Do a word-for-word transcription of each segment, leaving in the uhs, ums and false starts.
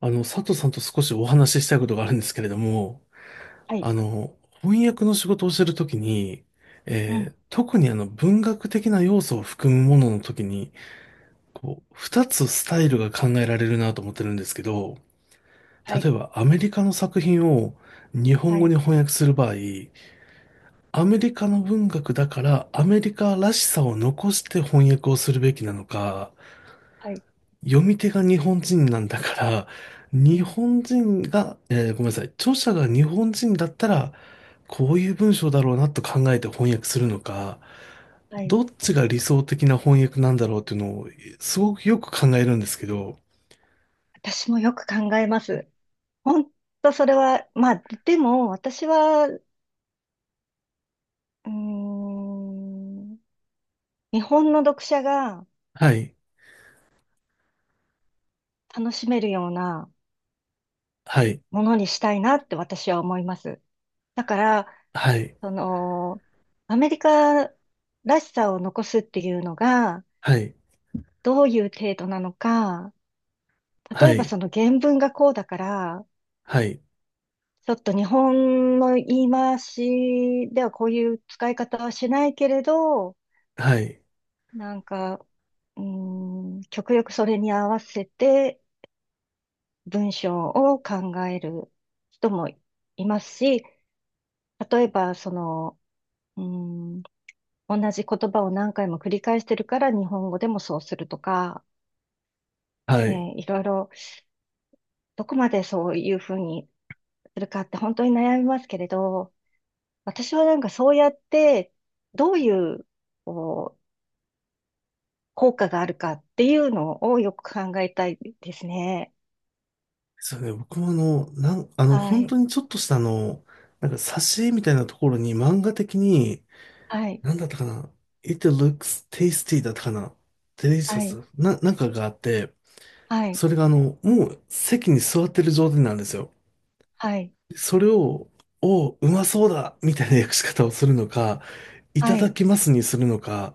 あの、佐藤さんと少しお話ししたいことがあるんですけれども、はい。あの、翻訳の仕事をしてるときに、うえん。ー特にあの文学的な要素を含むもののときに、こう、二つスタイルが考えられるなと思ってるんですけど、は例い。えばアメリカの作品を日本は語い。に翻訳する場合、アメリカの文学だからアメリカらしさを残して翻訳をするべきなのか、はい。読み手が日本人なんだから、う日ん。本人が、えーごめんなさい、著者が日本人だったら、こういう文章だろうなと考えて翻訳するのか、はい。どっちが理想的な翻訳なんだろうっていうのを、すごくよく考えるんですけど、私もよく考えます。本当それは、まあ、でも、私は、うーん、日本の読者がはい、楽しめるようなはい、ものにしたいなって私は思います。だから、はい、その、アメリカらしさを残すっていうのが、はい、どういう程度なのか、例はえばい、その原文がこうだから、はい、ちょっと日本の言い回しではこういう使い方はしないけれど、はい、なんか、うーん、極力それに合わせて文章を考える人もいますし、例えば、その、うーん、同じ言葉を何回も繰り返してるから日本語でもそうするとか、はえーい。いろいろ、どこまでそういうふうにするかって本当に悩みますけれど、私はなんかそうやって、どういう、こう効果があるかっていうのをよく考えたいですね。そうね、僕もあの、なん、あの、は本い、当にちょっとしたあの、なんか挿絵みたいなところに漫画的に、はい、なんだったかな、 It looks tasty だったかな、 はい、Delicious な、なんかがあって、はい、それがあの、もう席に座ってる状態なんですよ。はい、それを、おう、うまそうだみたいな訳し方をするのか、いたはだい。きますにするのか、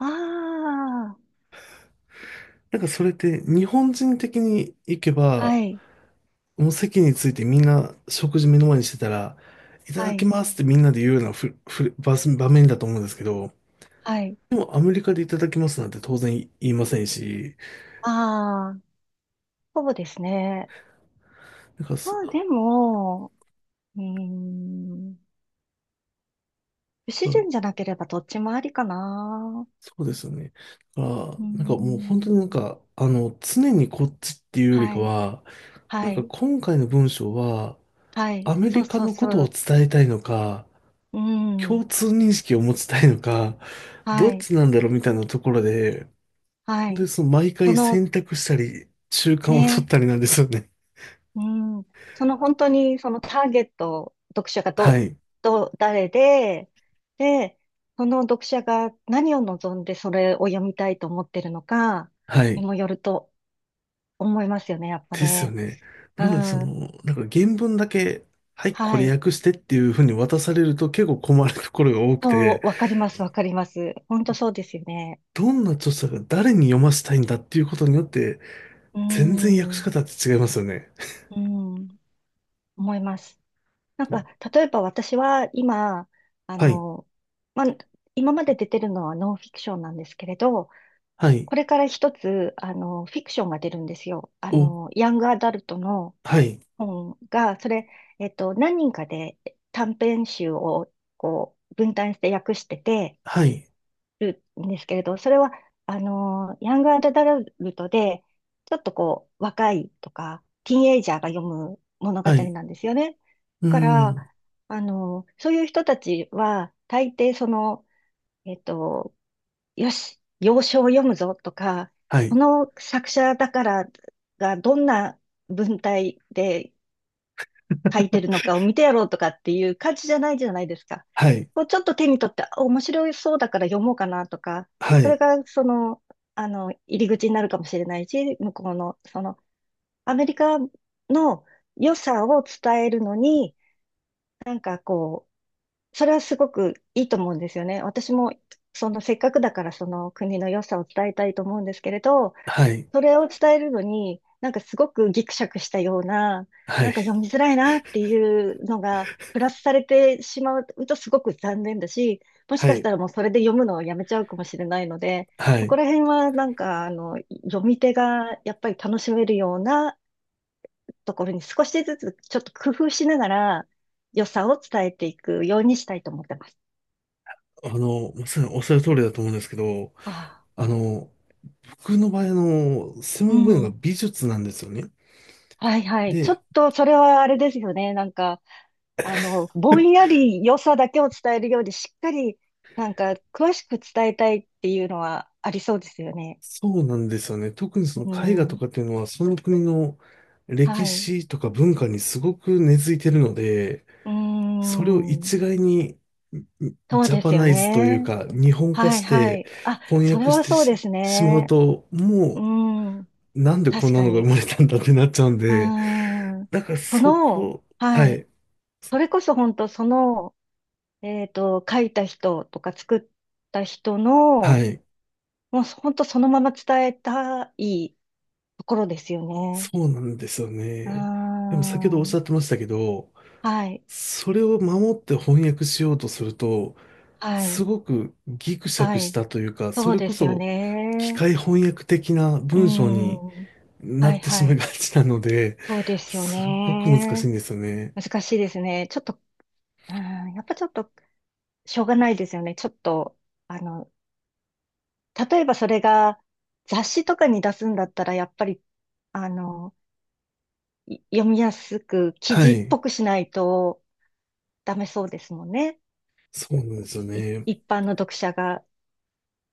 あなんかそれって日本人的に行けあ、はば、い、もう席についてみんな食事目の前にしてたら、いたはだきい、ますってみんなで言うようなふふ場場面だと思うんですけど、はい。でもアメリカでいただきますなんて当然言いませんし、ああ、そうですね。なんかまそあでも、うーん、不自そう然じゃなければどっちもありかな。そうですよね。だかうーら、なんかもう本当になんん、か、あの、常にこっちっていうよりはかい、は、なはんかい、今回の文章は、はい、アメそうリカそうのこそとをう。伝えたいのか、う共ん、通認識を持ちたいのか、どはっい、ちなんだろうみたいなところで、は本当にい。その毎そ回の、選択したり、習慣を取っね、たりなんですよね。うん、その本当にそのターゲット、読者が はど、い。どう、誰で、で、その読者が何を望んでそれを読みたいと思ってるのかはにい。もよると思いますよね、やっぱですよね。ね。なうので、そん。の、なんか原文だけ、はい、こはれい。訳してっていうふうに渡されると結構困るところが多くそて、う、わかります、わかります。本当そうですよね。どんな著者が誰に読ませたいんだっていうことによって、う全然訳ん。しう方って違いますよね。ん。思います。なんそか、う例えば私は今、あはい、の、まあ、今まで出てるのはノンフィクションなんですけれど、はい、これから一つ、あの、フィクションが出るんですよ。あお、の、ヤングアダルトのはい、本が、それ、えっと、何人かで短編集をこう分担して訳しててはい、るんですけれど、それは、あの、ヤングアダルトで、ちょっとこう、若いとか、ティーンエイジャーが読む物語はい、なんですよね。うだーから、ん、あの、そういう人たちは、大抵その、えっと、よし、洋書を読むぞとか、はこい、の作者だからがどんな文体で書いてるのかを見てやろうとかっていう感じじゃないじゃないですか。はい、こうちょっと手に取って、あ、面白そうだから読もうかなとか、はそれい、がその、あの、入り口になるかもしれないし、向こうの、その、アメリカの良さを伝えるのに、なんかこう、それはすごくいいと思うんですよね。私も、そのせっかくだからその国の良さを伝えたいと思うんですけれど、はい、それを伝えるのに、なんかすごくギクシャクしたような、はない、んか読みづらいなっていうのが、プラスされてしまうとすごく残念だし、もしはかしい、たらもうそれで読むのをやめちゃうかもしれないので、はそこい。ら辺はなんか、あの、読み手がやっぱり楽しめるようなところに少しずつちょっと工夫しながら良さを伝えていくようにしたいと思ってます。あの、まさにおっしゃる通りだと思うんですけど、ああ、あの、僕の場合、あの、専う門分野がん。美術なんですよね。はいはい。ちょで、っとそれはあれですよね。なんか、あの、ぼんやり良さだけを伝えるより、しっかり、なんか、詳しく伝えたいっていうのはありそうですよね。そうなんですよね。特にそうの絵画とん。かっていうのは、その国の歴はい。史とか文化にすごく根付いてるので、うそれをん。一概にそうジャでパすよナイズというね。か、日本化はいしはてい。あ、翻それ訳しはてそうでし、すしまうね。と、うもん。うなんでこ確んなかのが生に。まれたんだってなっちゃうんうで、ん。だからそその、こ、ははい。い、それこそ本当その、えっと、書いた人とか作った人はの、い、もう本当そのまま伝えたいところですよね。そうなんですようーね。でも先ほどおっしゃん。ってましたけど、はい。それを守って翻訳しようとすると、はすい。ごくギクシャはクしい。たというか、そそうれでこすよそ機ね。械翻訳的なうー文章にん。なはっい。てしはまいい。がちなので、そうですよすごく難しね。いんですよね。難しいですね。ちょっと、うーん、やっぱちょっと、しょうがないですよね。ちょっと、あの、例えばそれが雑誌とかに出すんだったら、やっぱり、あの、読みやすく記は事っい。ぽくしないとダメそうですもんね。そうなんですよいね。一般の読者が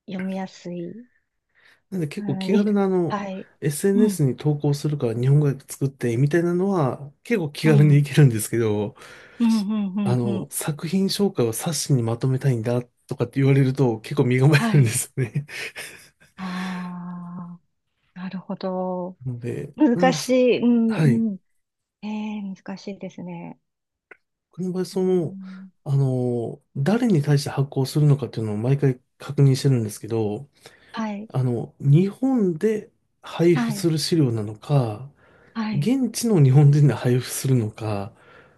読みやすい。なんでう結構ん、気に、軽なあの、はい。う エスエヌエス ん、に投稿するから日本語訳作ってみたいなのは結構気う軽ん、うにいん、けるんですけど、うん、うあん。うの、ん、作品紹介を冊子にまとめたいんだとかって言われると結構身構えはるんでい。すよね。ああ、なるほど。なので、なん難でしす。い。うん、はい。うん。ええ、難しいですね。この場合、うその、ん、あの、誰に対して発行するのかっていうのを毎回確認してるんですけど、はい、あの、日本で配布はすい、る資料なのか、はい。現地の日本人で配布するのか、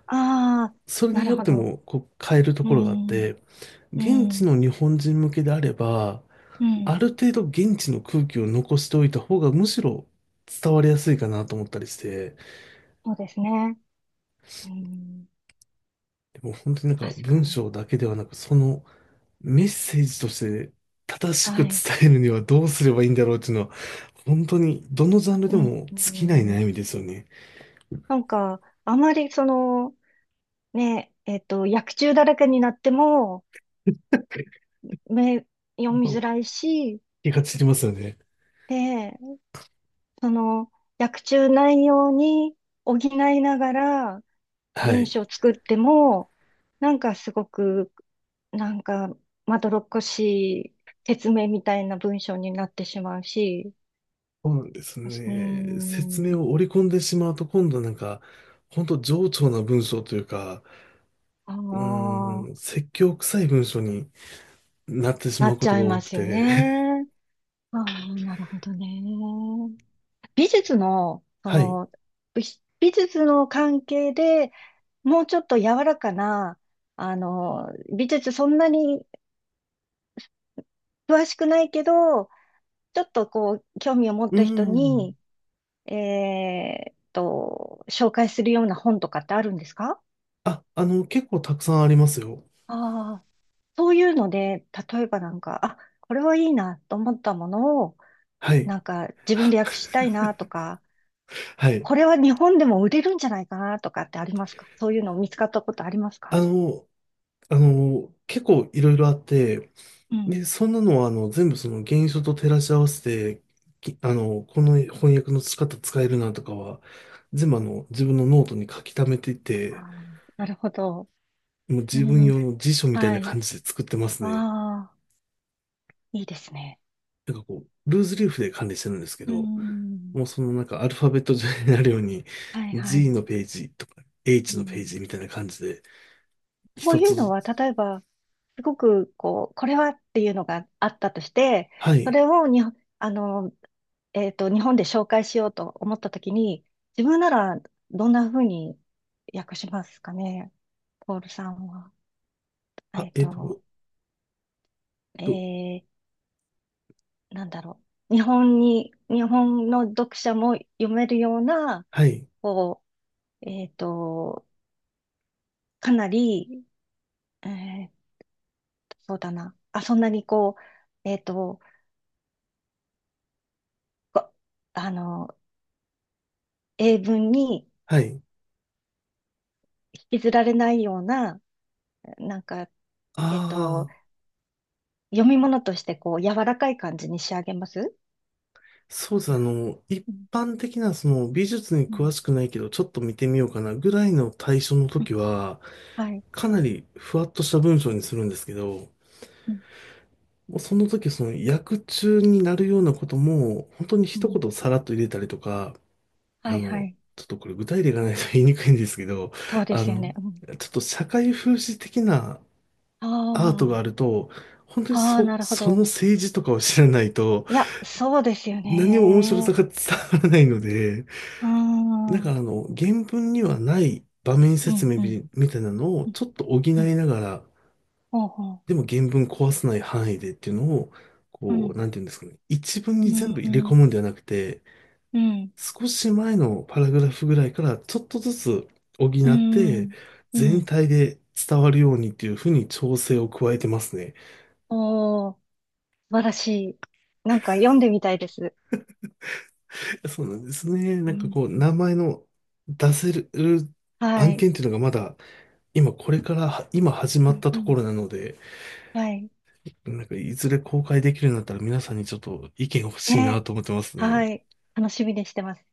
ああ、それなにるよっほてど。もこう変えるとうころがあっん、て、う現地ん、の日本人向けであれば、うん。ある程度現地の空気を残しておいた方がむしろ伝わりやすいかなと思ったりして、そうですね。うん、でも本当になんか確か文に。章だけではなく、そのメッセージとして正しくは伝い。えるにはどうすればいいんだろうっていうのは、本当にどのジャンルうでん、もう尽きないん、悩みですよね。なんか、あまりその、ね、えっと、薬中だらけになっても、目、読みづらいし、気が散りますよね。で、その、薬中内容に補いながらは文い。章を作っても、なんかすごく、なんか、まどろっこしい説明みたいな文章になってしまうし、そうなんですうーね。説ん、明を織り込んでしまうと、今度なんか、本当冗長な文章というか、あうあ、ーん、説教臭い文章になってしなまうっこちとゃがいま多くすよて。ね。ああ、なるほどね。美術の、そはい。の、美美術の関係でもうちょっと柔らかな、あの、美術そんなに詳しくないけど、ちょっとこう、興味を持っうーた人ん。に、えーっと、紹介するような本とかってあるんですか？あ、あの、結構たくさんありますよ。ああ、そういうので、例えばなんか、あ、これはいいなと思ったものを、はい。なんか自分で訳 したいなとか、はい。これは日本でも売れるんじゃないかなとかってありますか？そういうの見つかったことありますあか？の、あの、結構いろいろあって、うん、で、そんなのは、あの、全部その原書と照らし合わせて、きあの、この翻訳の仕方使えるなとかは、全部あの、自分のノートに書き溜めていあて、ー、なるほど。もうう自分ん、用の辞書みたいはない。感じで作ってますね。ああ、いいですね。なんかこう、ルーズリーフで管理してるんですけうど、もん、うそのなんかアルファベット上になるように、はいは G い。のページとか、う エイチ のペーん、ジみたいな感じで、そう一いつうのずは、つ、例えば、すごく、こう、これはっていうのがあったとして、はそい、れをに、あの、えっと、日本で紹介しようと思ったときに、自分ならどんなふうに訳しますかね、ポールさんは。あ、えっえっと、と、えと、ー、なんだろう。日本に、日本の読者も読めるような、はい、こう、えっと、かなり、えーと、そうだな。あ、そんなにこう、えっと、こあの、英文にはい、引きずられないような、なんか、えっと、ああ、読み物としてこう、柔らかい感じに仕上げます。そうですね。あな、の、一うん、般的なその美術にう詳ん、しくないけど、ちょっと見てみようかなぐらいの対象のうん、時は、はい。かなりふわっとした文章にするんですけど、うん。もうその時その役中になるようなことも、本当にう一ん、言さらっと入れたりとか、はあい、はの、い。ちょっとこれ具体例がないと言いにくいんですけど、そうであすよの、ね。うん。ちょっと社会風刺的なアートがああると、本当にあ、ああ、そ、なるほそのど。政治とかを知らないと、いや、そうですよ何も面白さね。が伝わらないので、うーん。なんうかん、あの、原文にはない場面う説ん。明うん、みみたいなのをちょっと補いうん。ながら、ほうほう。でも原文壊さない範囲でっていうのを、うこう、ん。なんていうんですかね。一文うに全ん、部う入れ込ん、むんではなくて、うん、少し前のパラグラフぐらいからちょっとずつ補うって、ん、う全ん。体で伝わるようにっていうふうに調整を加えてますね。おー、素晴らしい。なんか読んでみたいです。そうなんですね。うなんかん、こう、名前の出せるは案い。件っていうのがまだ、今これから、今始まうっん、たうとこん、ろなので、はい。なんか、いずれ公開できるようになったら皆さんにちょっと意見欲え、しいなと思ってますはね。い。楽しみにしてます。